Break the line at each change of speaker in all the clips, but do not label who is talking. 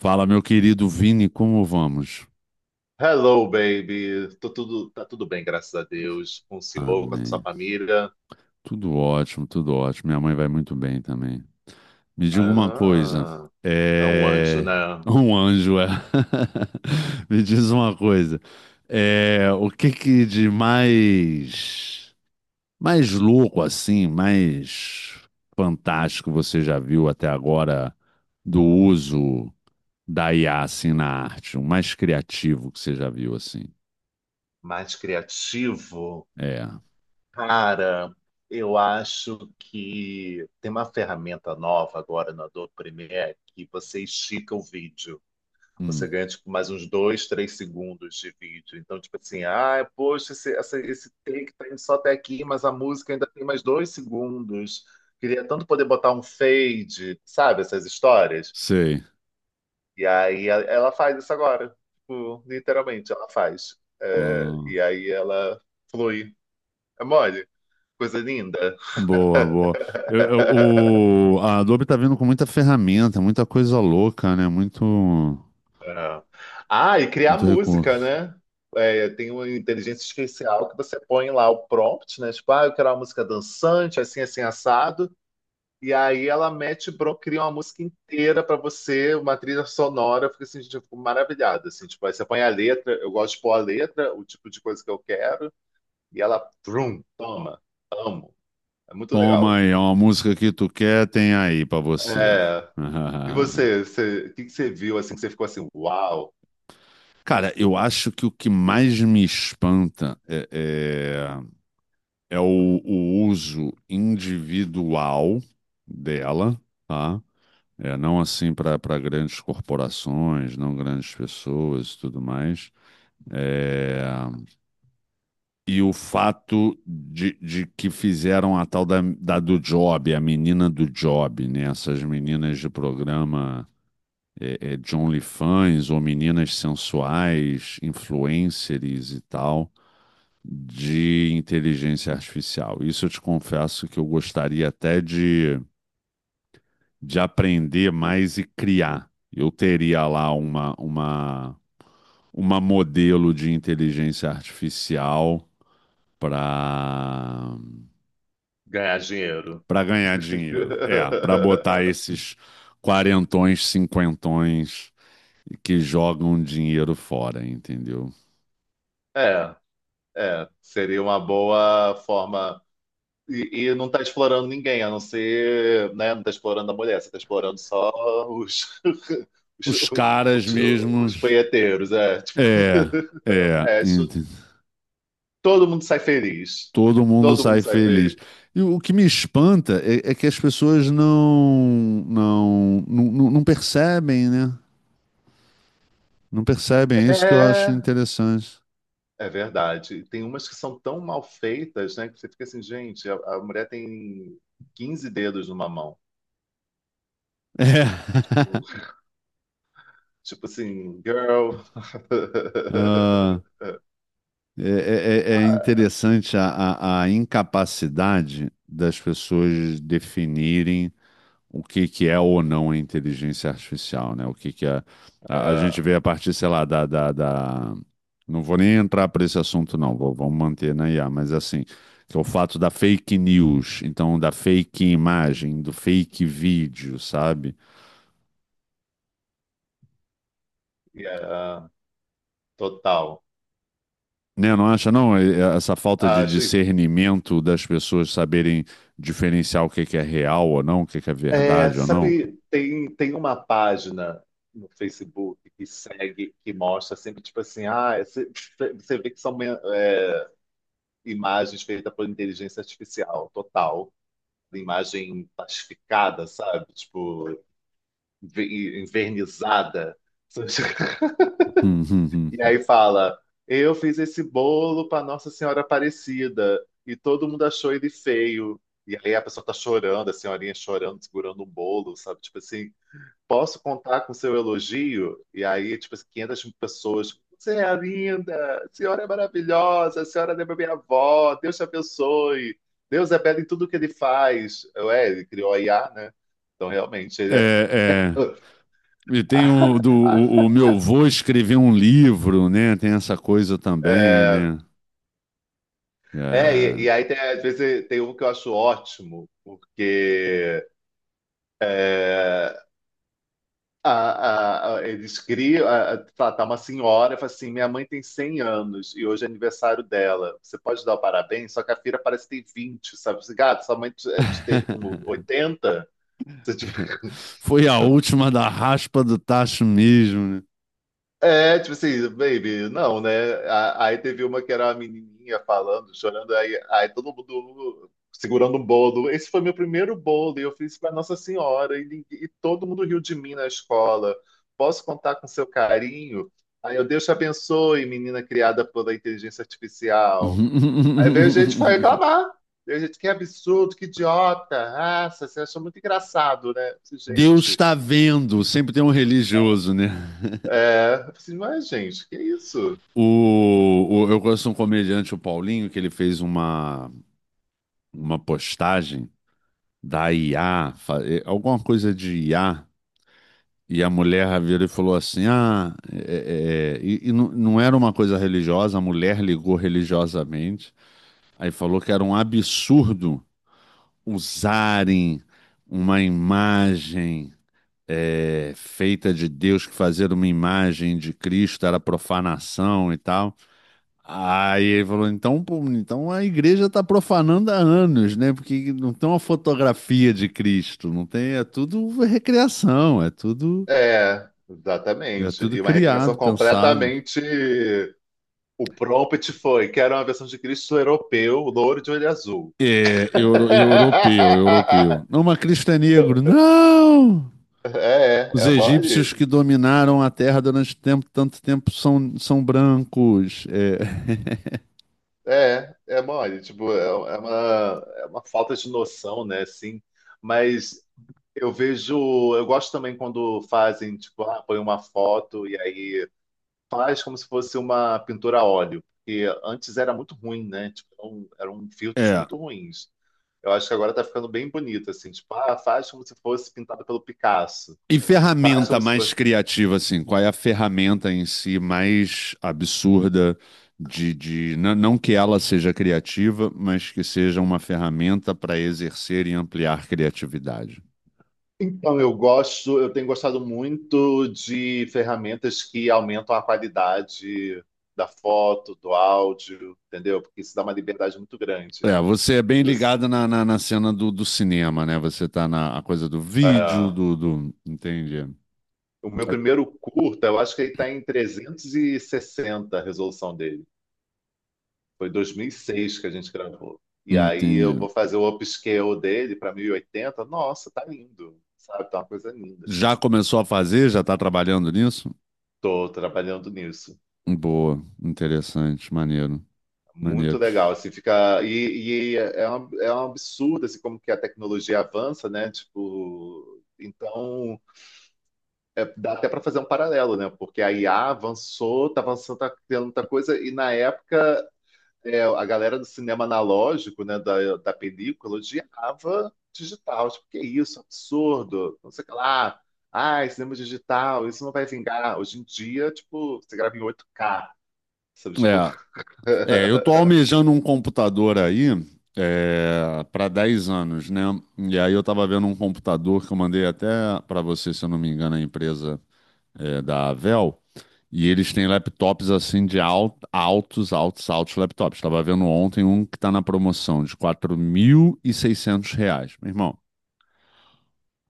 Fala, meu querido Vini, como vamos?
Hello, baby. Tá tudo bem, graças a Deus. Com o senhor, com a sua
Amém.
família.
Tudo ótimo, tudo ótimo. Minha mãe vai muito bem também. Me diga uma coisa.
Ah, é um anjo,
É...
né?
Um anjo, é. Me diz uma coisa. O que que de mais... Mais louco, assim, mais fantástico você já viu até agora do uso da IA, assim, na arte? O mais criativo que você já viu, assim?
Mais criativo.
É.
Cara, eu acho que tem uma ferramenta nova agora no Adobe Premiere que você estica o vídeo. Você
Hum.
ganha, tipo, mais uns dois, três segundos de vídeo. Então, tipo assim, ah, poxa, esse take tá indo só até aqui, mas a música ainda tem mais 2 segundos. Queria tanto poder botar um fade, sabe, essas histórias?
Sei.
E aí ela faz isso agora. Tipo, literalmente, ela faz. É,
Ah,
e aí ela flui. É mole, coisa linda.
boa, boa. A Adobe tá vindo com muita ferramenta, muita coisa louca, né?
É. Ah, e criar
Muito
música,
recurso.
né? É, tem uma inteligência artificial que você põe lá o prompt, né? Tipo, ah, eu quero uma música dançante, assim, assim, assado. E aí ela mete, cria uma música inteira pra você, uma trilha sonora. Eu fico assim, gente, eu fico maravilhado, assim. Tipo, aí você põe a letra, eu gosto de pôr a letra, o tipo de coisa que eu quero. E ela, vrum, toma, amo. É muito
Toma
legal.
aí, é uma música que tu quer, tem aí pra você.
É. E o que que você viu, assim, que você ficou assim, uau,
Cara, eu acho que o que mais me espanta é o uso individual dela, tá? É, não assim para grandes corporações, não grandes pessoas e tudo mais. É, e o fato de que fizeram a tal da, da do Job, a menina do Job, né? Essas meninas de programa de OnlyFans ou meninas sensuais, influencers e tal, de inteligência artificial. Isso eu te confesso que eu gostaria até de aprender mais e criar. Eu teria lá uma modelo de inteligência artificial para
ganhar dinheiro?
para ganhar dinheiro. É, para botar esses quarentões, cinquentões que jogam dinheiro fora, entendeu?
É, é, seria uma boa forma. E não tá explorando ninguém, a não ser, né? Não tá explorando a mulher, você tá explorando só os, os,
Os caras
os, os
mesmos.
punheteiros, é. Tipo,
É, é,
é,
ent-
todo mundo sai feliz.
Todo mundo
Todo mundo
sai
sai
feliz.
feliz.
E o que me espanta é, é que as pessoas não percebem, né? Não percebem, é isso que eu acho
É,
interessante.
é verdade. Tem umas que são tão mal feitas, né? Que você fica assim, gente, a mulher tem 15 dedos numa mão.
É.
Tipo assim, girl.
Ah, É, é interessante a incapacidade das pessoas definirem que é ou não a inteligência artificial, né? O que, que é, a gente
É,
vê a partir, sei lá, não vou nem entrar para esse assunto, não, vamos manter na IA, mas assim, que é o fato da fake news, então da fake imagem, do fake vídeo, sabe?
é, total.
Né, não acha, não? É, essa falta de
Acho.
discernimento das pessoas saberem diferenciar o que que é real ou não, o que que é
É,
verdade ou não.
sabe, tem uma página no Facebook que segue, que mostra sempre, tipo assim, ah, você vê que são imagens feitas por inteligência artificial, total. Imagem plastificada, sabe? Tipo, envernizada.
Hum, hum, hum,
E
hum.
aí fala: eu fiz esse bolo para Nossa Senhora Aparecida e todo mundo achou ele feio. E aí a pessoa tá chorando, a senhorinha chorando, segurando um bolo, sabe? Tipo assim, posso contar com seu elogio? E aí, tipo assim, 500 pessoas. Você é linda, a senhora é maravilhosa, a senhora lembra minha avó, Deus te abençoe. Deus é belo em tudo que ele faz. Ué, ele criou a IA, né? Então, realmente, ele é.
É, é. E tem o meu avô escrever um livro, né? Tem essa coisa também,
É,
né?
É,
É.
e aí tem, às vezes tem um que eu acho ótimo, porque é, eles criam, tá uma senhora, e fala assim, minha mãe tem 100 anos e hoje é aniversário dela, você pode dar o parabéns? Só que a filha parece que tem 20, sabe? Assim, gato, sua mãe te teve com 80? Você,
Foi a última da raspa do tacho mesmo, né?
é, tipo assim, baby, não, né? Aí teve uma que era a menininha falando, chorando, aí todo mundo segurando um bolo. Esse foi meu primeiro bolo e eu fiz para Nossa Senhora e todo mundo riu de mim na escola. Posso contar com seu carinho? Aí eu, Deus te abençoe, menina criada pela inteligência artificial. Aí veio gente foi reclamar. Veio gente, que absurdo, que idiota. Ah, você acha muito engraçado, né? Eu disse,
Deus
gente,
está vendo, sempre tem um religioso, né?
eu disse, mas gente, que isso?
Eu conheço um comediante, o Paulinho, que ele fez uma postagem da IA, alguma coisa de IA, e a mulher virou e falou assim: "Ah, é", e não, não era uma coisa religiosa. A mulher ligou religiosamente, aí falou que era um absurdo usarem uma imagem, feita de Deus, que fazer uma imagem de Cristo era profanação e tal. Aí ele falou: "Então, pô, então a igreja está profanando há anos, né? Porque não tem uma fotografia de Cristo, não tem, é tudo recriação,
É,
é
exatamente.
tudo
E uma recriação
criado, pensado.
completamente. O prompt foi: quero uma versão de Cristo europeu, louro de olho azul.
Europeu, europeu. Não, mas Cristo é negro. Não! Os
É, é
egípcios
mole?
que dominaram a terra durante tempo, tanto tempo são, são brancos. É,
É, é mole. Tipo, é uma falta de noção, né? Assim, mas eu vejo. Eu gosto também quando fazem, tipo, ah, põe uma foto e aí faz como se fosse uma pintura a óleo. Porque antes era muito ruim, né? Tipo, eram filtros
é.
muito ruins. Eu acho que agora tá ficando bem bonito, assim, tipo, ah, faz como se fosse pintado pelo Picasso.
E
Faz
ferramenta
como se
mais
fosse.
criativa, assim, qual é a ferramenta em si mais absurda de não, que ela seja criativa, mas que seja uma ferramenta para exercer e ampliar criatividade?
Então, eu gosto, eu tenho gostado muito de ferramentas que aumentam a qualidade da foto, do áudio, entendeu? Porque isso dá uma liberdade muito grande.
É, você é bem
E você-
ligado na cena do cinema, né? Você tá na a coisa do vídeo,
é,
Entendi.
o meu
É,
primeiro curta, eu acho que ele está em 360 a resolução dele. Foi 2006 que a gente gravou. E aí
entendi.
eu vou fazer o upscale dele para 1080. Nossa, tá lindo, sabe? Tá uma coisa linda, assim.
Já
Sabe?
começou a fazer? Já tá trabalhando nisso?
Tô trabalhando nisso.
Boa, interessante, maneiro,
Muito
maneiro.
legal, assim, fica... E é um absurdo, assim, como que a tecnologia avança, né? Tipo... Então, dá até para fazer um paralelo, né? Porque a IA avançou, tá avançando, tá criando muita coisa, e na época a galera do cinema analógico, né, da película, odiava digital. Tipo, que isso, absurdo, não sei o que lá. Ai, cinema digital, isso não vai vingar. Hoje em dia, tipo, você grava em 8K, sabe? Tipo.
É, eu tô almejando um computador aí, é, para 10 anos, né? E aí eu tava vendo um computador que eu mandei até para você, se eu não me engano, a empresa é da Avel. E eles têm laptops assim de altos, altos, altos laptops. Tava vendo ontem um que tá na promoção de R$ 4.600, meu irmão.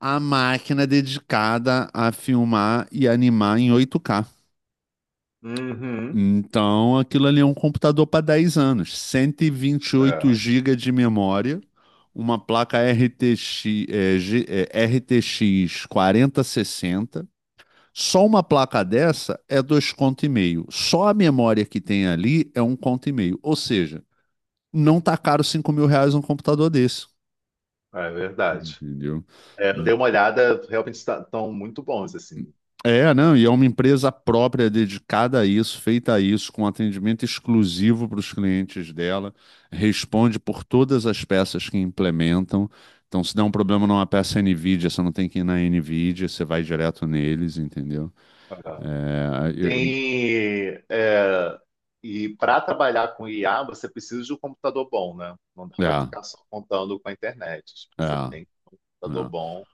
A máquina é dedicada a filmar e animar em 8K.
Uhum.
Então, aquilo ali é um computador para 10 anos. Cento e vinte e oito
É,
gigas de memória, uma placa RTX, RTX 4060. Só uma placa dessa é dois conto e meio. Só a memória que tem ali é um conto e meio. Ou seja, não tá caro R$ 5.000 um computador desse,
é verdade.
entendeu?
É, eu dei uma olhada, realmente estão muito bons, assim.
É, não, e é uma empresa própria dedicada a isso, feita a isso, com atendimento exclusivo para os clientes dela, responde por todas as peças que implementam. Então, se der um problema numa peça NVIDIA, você não tem que ir na NVIDIA, você vai direto neles, entendeu?
É.
É.
Tem. E para trabalhar com IA, você precisa de um computador bom, né? Não dá para
É,
ficar só contando com a internet.
é,
Você tem da
é.
Dobon.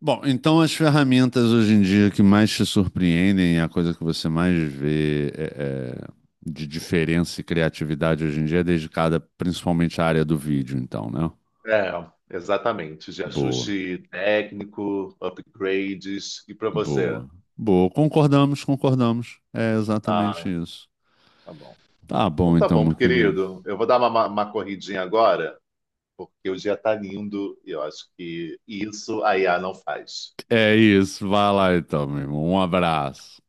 Bom, então as ferramentas hoje em dia que mais te surpreendem, a coisa que você mais vê é de diferença e criatividade hoje em dia é dedicada principalmente à área do vídeo, então, né?
É, exatamente. De
Boa,
ajuste técnico, upgrades. E para você?
boa, boa. Concordamos, concordamos. É exatamente
Ah,
isso.
tá bom.
Tá
Então
bom,
tá
então,
bom,
meu querido.
querido. Eu vou dar uma corridinha agora, porque o dia tá lindo e eu acho que isso a IA não faz.
É isso. Vai lá, então, meu irmão. Um abraço.